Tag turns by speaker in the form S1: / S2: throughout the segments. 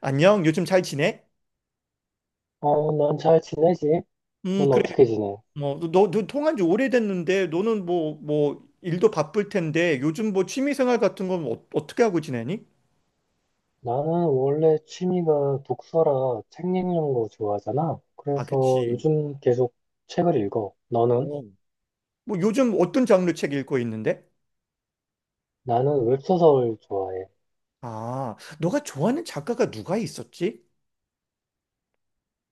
S1: 안녕, 요즘 잘 지내?
S2: 어, 난 잘 지내지? 넌
S1: 그래.
S2: 어떻게 지내?
S1: 뭐, 너 통한 지 오래됐는데, 너는 뭐, 일도 바쁠 텐데, 요즘 뭐 취미생활 같은 건 어떻게 하고 지내니?
S2: 나는 원래 취미가 독서라 책 읽는 거 좋아하잖아.
S1: 아,
S2: 그래서
S1: 그치.
S2: 요즘 계속 책을 읽어. 너는?
S1: 어. 뭐, 요즘 어떤 장르 책 읽고 있는데?
S2: 나는 웹소설 좋아해.
S1: 아, 너가 좋아하는 작가가 누가 있었지?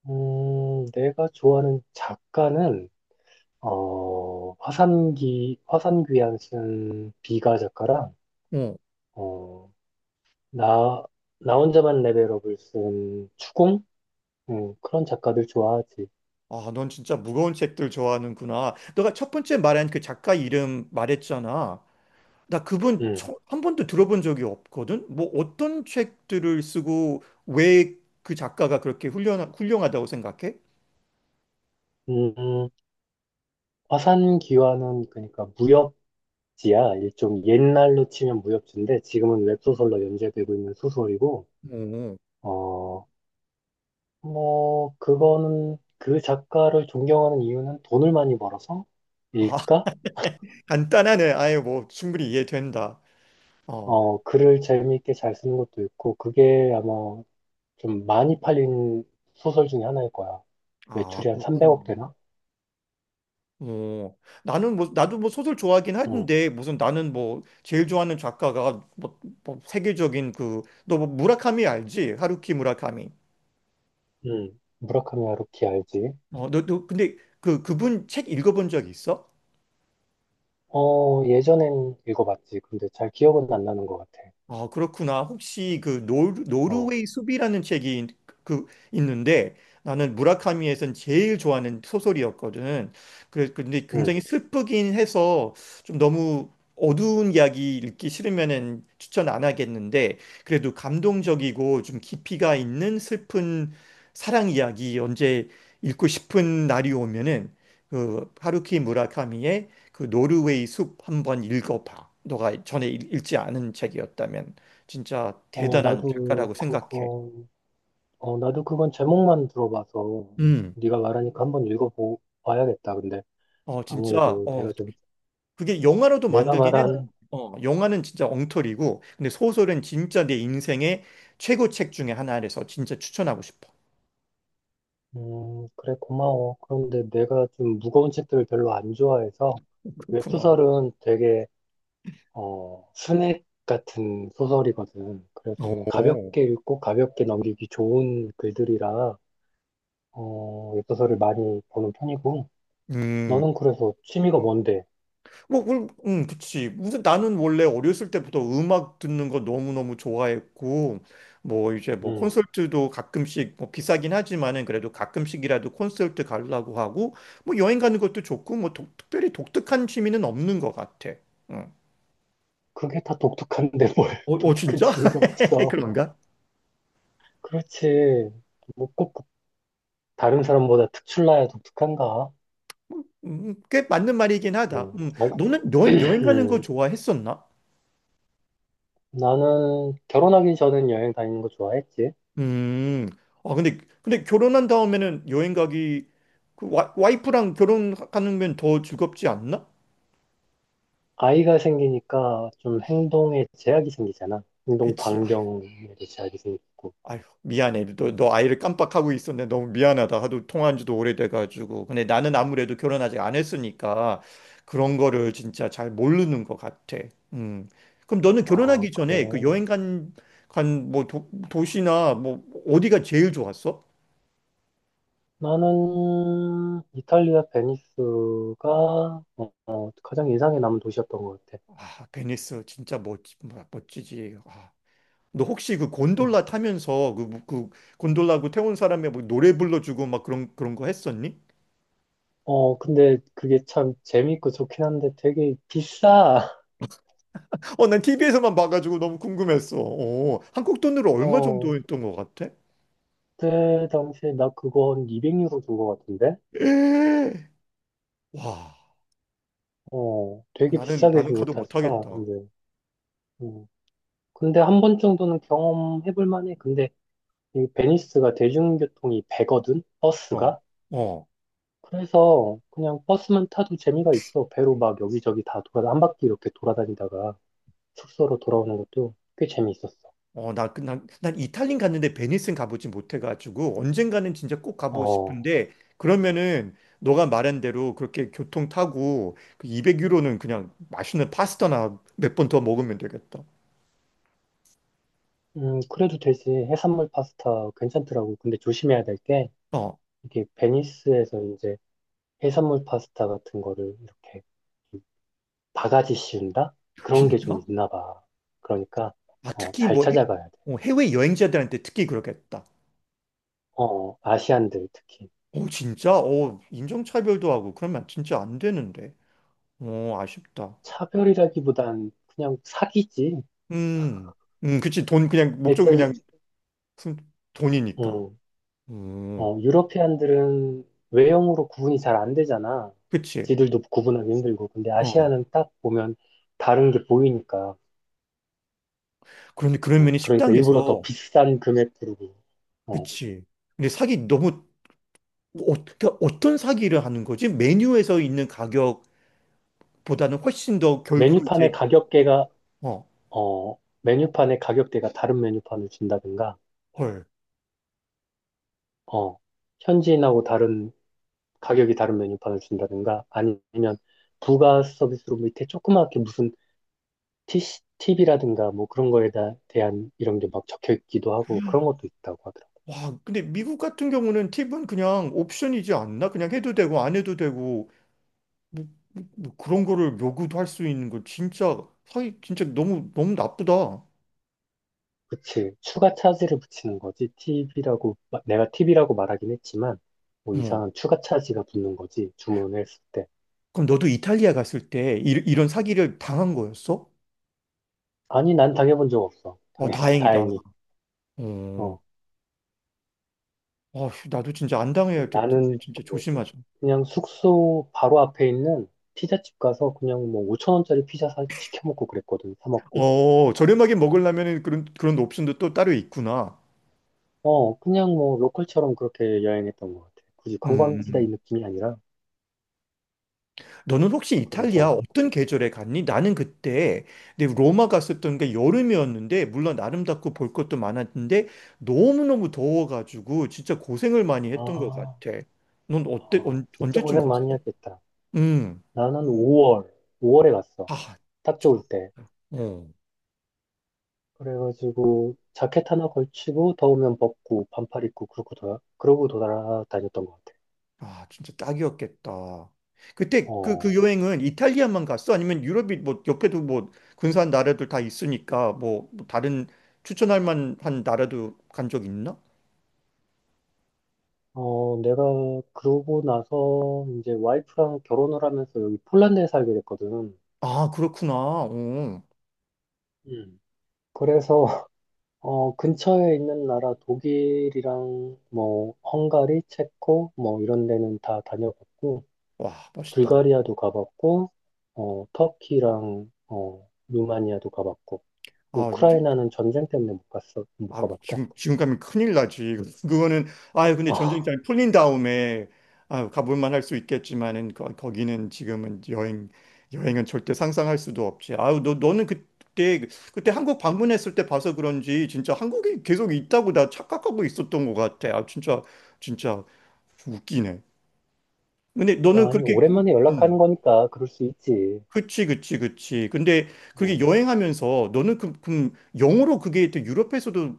S2: 내가 좋아하는 작가는, 화산귀환 쓴 비가 작가랑,
S1: 어.
S2: 어, 나, 나 혼자만 레벨업을 쓴 추공? 그런 작가들 좋아하지.
S1: 아, 넌 진짜 무거운 책들 좋아하는구나. 너가 첫 번째 말한 그 작가 이름 말했잖아. 나 그분
S2: 음,
S1: 한 번도 들어본 적이 없거든. 뭐 어떤 책들을 쓰고 왜 그 작가가 그렇게 훌륭하다고 생각해?
S2: 음, 화산귀환은 그러니까 무협, 지야, 일종 옛날로 치면 무협지인데 지금은 웹소설로 연재되고 있는 소설이고,
S1: 오.
S2: 어 뭐 그거는 그 작가를 존경하는 이유는 돈을 많이 벌어서
S1: 아,
S2: 일까?
S1: 간단하네. 아예 뭐 충분히 이해된다. 어.
S2: 글을 재미있게 잘 쓰는 것도 있고, 그게 아마 좀 많이 팔린 소설 중에 하나일 거야.
S1: 아,
S2: 매출이 한
S1: 그렇구나.
S2: 300억 되나?
S1: 어. 나는 뭐 나도 뭐 소설 좋아하긴
S2: 응,
S1: 하는데 무슨 나는 뭐 제일 좋아하는 작가가 뭐 세계적인 그 너 뭐 무라카미 알지? 하루키 무라카미.
S2: 응. 무라카미 하루키 알지?
S1: 어, 너 근데 그 그분 책 읽어본 적 있어?
S2: 예전엔 읽어봤지. 근데 잘 기억은 안 나는 것 같아.
S1: 아, 그렇구나. 혹시 그
S2: 어,
S1: 노르웨이 숲이라는 책이 그 있는데 나는 무라카미에선 제일 좋아하는 소설이었거든. 그래 근데
S2: 응.
S1: 굉장히 슬프긴 해서 좀 너무 어두운 이야기 읽기 싫으면은 추천 안 하겠는데 그래도 감동적이고 좀 깊이가 있는 슬픈 사랑 이야기 언제 읽고 싶은 날이 오면은 그 하루키 무라카미의 그 노르웨이 숲 한번 읽어봐. 너가 전에 읽지 않은 책이었다면 진짜
S2: 어,
S1: 대단한
S2: 나도
S1: 작가라고 생각해.
S2: 그거 나도 그건 제목만 들어봐서,
S1: 음.
S2: 네가 말하니까 한번 읽어봐야겠다. 근데
S1: 어, 진짜
S2: 아무래도
S1: 어
S2: 내가 좀,
S1: 그게 영화로도
S2: 내가
S1: 만들긴 했는데
S2: 말한,
S1: 어, 영화는 진짜 엉터리고 근데 소설은 진짜 내 인생의 최고 책 중에 하나라서 진짜 추천하고 싶어.
S2: 그래, 고마워. 그런데 내가 좀 무거운 책들을 별로 안 좋아해서.
S1: 그렇구나.
S2: 웹소설은 되게, 스낵 같은 소설이거든. 그래서 그냥
S1: 오.
S2: 가볍게 읽고 가볍게 넘기기 좋은 글들이라 웹소설을 많이 보는 편이고.
S1: 음.
S2: 너는 그래서 취미가 뭔데?
S1: 뭐, 그치. 무슨 나는 원래 어렸을 때부터 음악 듣는 거 너무너무 좋아했고, 뭐 이제 뭐
S2: 음,
S1: 콘서트도 가끔씩 뭐 비싸긴 하지만은 그래도 가끔씩이라도 콘서트 가려고 하고, 뭐 여행 가는 것도 좋고, 뭐 특별히 독특한 취미는 없는 것 같아. 응.
S2: 그게 다 독특한데 뭘. 독특한
S1: 진짜?
S2: 취미가 없어.
S1: 그런가?
S2: 그렇지. 뭐꼭 다른 사람보다 특출나야 독특한가?
S1: 꽤 맞는 말이긴 하다.
S2: 음. 아,
S1: 너는 여행 가는 거
S2: 음.
S1: 좋아했었나?
S2: 나는 결혼하기 전엔 여행 다니는 거 좋아했지.
S1: 음. 아, 근데 결혼한 다음에는 여행 가기, 그 와이프랑 결혼하면 더 즐겁지 않나?
S2: 아이가 생기니까 좀 행동에 제약이 생기잖아. 행동
S1: 그치. 아휴,
S2: 반경에도 제약이 생기고.
S1: 아휴, 미안해.
S2: 어,
S1: 너 아이를 깜빡하고 있었네. 너무 미안하다. 하도 통화한 지도 오래돼가지고. 근데 나는 아무래도 결혼 아직 안 했으니까 그런 거를 진짜 잘 모르는 것 같아. 음. 그럼 너는
S2: 아,
S1: 결혼하기
S2: 그래.
S1: 전에 그 간 뭐 도시나 뭐 어디가 제일 좋았어?
S2: 나는 이탈리아 베니스가, 가장 인상에 남은 도시였던 것 같아.
S1: 아, 베니스 멋지지. 아. 너 혹시 그
S2: 음.
S1: 곤돌라 타면서 그 곤돌라고 태운 사람의 뭐 노래 불러주고 막 그런 거 했었니?
S2: 어, 근데 그게 참 재미있고 좋긴 한데 되게 비싸.
S1: 어, 난 TV에서만 봐가지고 너무 궁금했어. 어, 한국 돈으로 얼마
S2: 어,
S1: 정도 했던 것 같아?
S2: 그때 당시에 나 그거 한 200유로 준 것 같은데?
S1: 에 와,
S2: 어,
S1: 어,
S2: 되게 비싸게
S1: 나는
S2: 주고
S1: 가도
S2: 탔어.
S1: 못하겠다.
S2: 근데, 음. 근데 한 번 정도는 경험해볼 만해. 근데 이 베니스가 대중교통이 배거든?
S1: 어,
S2: 버스가?
S1: 어,
S2: 그래서 그냥 버스만 타도 재미가 있어. 배로 막 여기저기 다 한 바퀴 이렇게 돌아다니다가 숙소로 돌아오는 것도 꽤 재미있었어.
S1: 어, 난 이탈리아 갔는데 베니스는 가보지 못해가지고 언젠가는 진짜 꼭 가보고
S2: 어,
S1: 싶은데 그러면은 너가 말한 대로 그렇게 교통 타고 그 200유로는 그냥 맛있는 파스타나 몇 번 더 먹으면 되겠다.
S2: 그래도 되지. 해산물 파스타 괜찮더라고. 근데 조심해야 될 게,
S1: 어.
S2: 이게 베니스에서 이제 해산물 파스타 같은 거를 이렇게 바가지 씌운다? 그런 게 좀
S1: 진짜?
S2: 있나 봐. 그러니까
S1: 아, 특히
S2: 잘 찾아가야 돼.
S1: 어, 해외 여행자들한테 특히 그러겠다.
S2: 어, 어, 아시안들 특히.
S1: 어, 진짜? 어, 인종차별도 하고 그러면 진짜 안 되는데. 어, 아쉽다.
S2: 차별이라기보단 그냥 사기지.
S1: 음, 그치. 돈 그냥 목적은
S2: 일단,
S1: 순- 돈이니까.
S2: 음,
S1: 음,
S2: 유러피안들은 외형으로 구분이 잘 안 되잖아.
S1: 그치.
S2: 지들도 구분하기 힘들고. 근데
S1: 어,
S2: 아시아는 딱 보면 다른 게 보이니까.
S1: 그런데 그런
S2: 어,
S1: 면이
S2: 그러니까 일부러 더
S1: 식당에서
S2: 비싼 금액 부르고. 어,
S1: 그치. 근데 사기 너무 어떻게 어떤 사기를 하는 거지? 메뉴에서 있는 가격보다는 훨씬 더 결국은 이제
S2: 메뉴판의 가격대가
S1: 어,
S2: 어, 메뉴판의 가격대가 다른 메뉴판을 준다든가,
S1: 헐.
S2: 어, 현지인하고 다른, 가격이 다른 메뉴판을 준다든가, 아니면 부가 서비스로 밑에 조그맣게 무슨 TC, 팁이라든가 뭐 그런 거에 대한 이런 게 막 적혀 있기도 하고, 그런 것도 있다고 하더라고.
S1: 와, 근데 미국 같은 경우는 팁은 그냥 옵션이지 않나? 그냥 해도 되고 안 해도 되고 뭐, 뭐 그런 거를 요구도 할 수 있는 거 진짜 사기 진짜 너무 너무 나쁘다. 어.
S2: 그치. 추가 차지를 붙이는 거지. 팁이라고, 내가 팁이라고 말하긴 했지만, 뭐 이상한 추가 차지가 붙는 거지, 주문을 했을 때.
S1: 그럼 너도 이탈리아 갔을 때 런 사기를 당한 거였어?
S2: 아니, 난 당해본 적 없어.
S1: 와, 다행이다.
S2: 다행히.
S1: 어.
S2: 어.
S1: 아, 나도 진짜 안 당해야 될 텐데
S2: 나는
S1: 진짜
S2: 그 뭐지?
S1: 조심하자.
S2: 그냥 숙소 바로 앞에 있는 피자집 가서 그냥 뭐 5천 원짜리 피자 시켜 먹고 그랬거든. 사 먹고.
S1: 어, 저렴하게 먹으려면 그런 옵션도 또 따로 있구나.
S2: 어, 그냥 뭐 로컬처럼 그렇게 여행했던 것 같아. 굳이 관광지다 이
S1: 음.
S2: 느낌이 아니라.
S1: 너는 혹시 이탈리아
S2: 그래서
S1: 어떤 계절에 갔니? 나는 그때 내 로마 갔었던 게 여름이었는데 물론 아름답고 볼 것도 많았는데 너무너무 더워가지고 진짜 고생을 많이 했던 것
S2: 아,
S1: 같아. 넌 어때?
S2: 아, 진짜
S1: 언제쯤
S2: 고생
S1: 갔어?
S2: 많이 했겠다.
S1: 음.
S2: 나는 5월에 갔어.
S1: 아,
S2: 딱 좋을
S1: 좀,
S2: 때.
S1: 어.
S2: 그래가지고 자켓 하나 걸치고 더우면 벗고 반팔 입고, 그러고 돌아다녔던 것 같아.
S1: 아, 진짜 딱이었겠다. 그때 그
S2: 어.
S1: 여행은 이탈리아만 갔어? 아니면 유럽이 뭐 옆에도 뭐 근사한 나라들 다 있으니까 뭐뭐 다른 추천할 만한 나라도 간 적 있나?
S2: 어, 내가 그러고 나서 이제 와이프랑 결혼을 하면서 여기 폴란드에 살게 됐거든.
S1: 아, 그렇구나. 어.
S2: 음, 그래서 근처에 있는 나라 독일이랑 뭐 헝가리, 체코 뭐 이런 데는 다 다녀봤고,
S1: 와, 멋있다.
S2: 불가리아도 가봤고, 터키랑 루마니아도 가봤고,
S1: 아, 이제-
S2: 우크라이나는 전쟁 때문에 못
S1: 아,
S2: 가봤다.
S1: 지금 가면 큰일 나지. 그거는, 아 근데
S2: 아,
S1: 전쟁장이 풀린 다음에, 아 가볼만 할 수 있겠지만은, 거기는 지금은 여행은 절대 상상할 수도 없지. 아유, 그때 한국 방문했을 때 봐서 그런지, 진짜 한국이 계속 있다고 나 착각하고 있었던 것 같아. 아, 진짜, 진짜 웃기네. 근데 너는
S2: 아니
S1: 그렇게, 그-
S2: 오랜만에 연락하는
S1: 음,
S2: 거니까 그럴 수 있지.
S1: 그치, 그치, 그치. 근데 그게
S2: 음.
S1: 여행하면서 너는 그, 그 영어로 그게 또 유럽에서도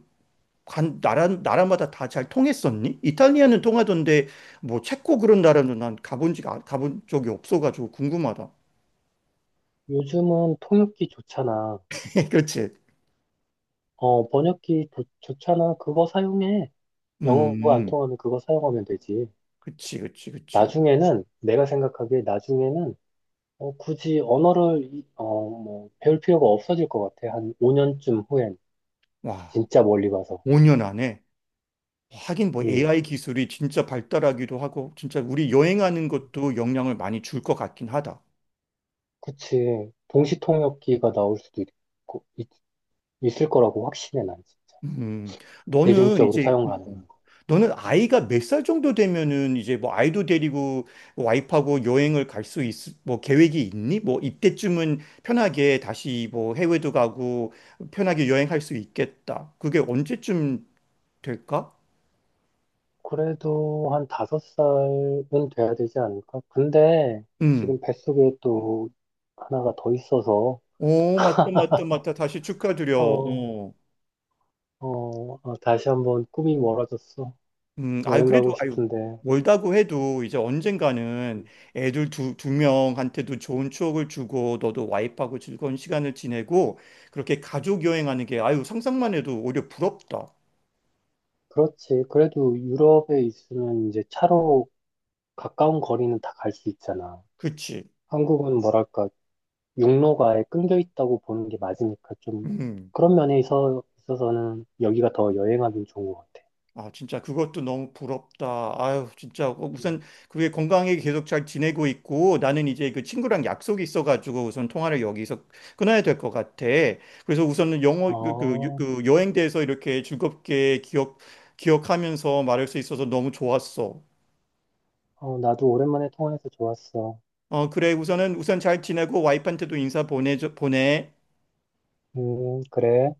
S1: 나라마다 다 잘 통했었니? 이탈리아는 통하던데, 뭐, 체코 그런 나라는 난 가본 적이 없어가지고 궁금하다.
S2: 요즘은 통역기 좋잖아.
S1: 그렇지.
S2: 번역기 좋잖아. 그거 사용해. 영어가 안
S1: 음,
S2: 통하면 그거 사용하면 되지.
S1: 그치, 그치, 그치.
S2: 나중에는, 내가 생각하기에 나중에는, 굳이 언어를, 뭐, 배울 필요가 없어질 것 같아. 한 5년쯤 후엔.
S1: 와,
S2: 진짜 멀리 가서.
S1: 5년 안에. 하긴 뭐
S2: 음,
S1: AI 기술이 진짜 발달하기도 하고, 진짜 우리 여행하는 것도 영향을 많이 줄 것 같긴 하다.
S2: 그치. 동시통역기가 나올 수도 있고, 있을 거라고 확신해, 난 진짜.
S1: 음, 너는
S2: 대중적으로
S1: 이제
S2: 사용 가능한 거.
S1: 너는 아이가 몇 살 정도 되면은 이제 뭐 아이도 데리고 와이프하고 여행을 갈 수 있, 뭐 계획이 있니? 뭐 이때쯤은 편하게 다시 뭐 해외도 가고 편하게 여행할 수 있겠다. 그게 언제쯤 될까?
S2: 그래도 한 다섯 살은 돼야 되지 않을까? 근데,
S1: 음.
S2: 지금 뱃속에 또 하나가 더 있어서.
S1: 오, 맞다, 맞다, 맞다. 다시 축하드려.
S2: 어,
S1: 어.
S2: 어, 아, 다시 한번 꿈이 멀어졌어.
S1: 아유,
S2: 여행
S1: 그래도,
S2: 가고
S1: 아유,
S2: 싶은데.
S1: 멀다고 해도 이제 언젠가는 애들 두 명한테도 좋은 추억을 주고 너도 와이프하고 즐거운 시간을 지내고 그렇게 가족 여행하는 게 아유, 상상만 해도 오히려 부럽다.
S2: 그렇지. 그래도 유럽에 있으면 이제 차로 가까운 거리는 다 갈 수 있잖아.
S1: 그치?
S2: 한국은 뭐랄까, 육로가 아예 끊겨 있다고 보는 게 맞으니까, 좀
S1: 음.
S2: 그런 면에 있어서는 여기가 더 여행하기 좋은 것 같아.
S1: 아, 진짜 그것도 너무 부럽다. 아유, 진짜 어,
S2: 음.
S1: 우선 그게 건강하게 계속 잘 지내고 있고 나는 이제 그 친구랑 약속이 있어가지고 우선 통화를 여기서 끊어야 될 것 같아. 그래서 우선은 영어
S2: 어,
S1: 그 여행대에서 이렇게 즐겁게 기억하면서 말할 수 있어서 너무 좋았어.
S2: 어, 나도 오랜만에 통화해서 좋았어.
S1: 어, 그래 우선은 우선 잘 지내고 와이프한테도 인사 보내.
S2: 그래.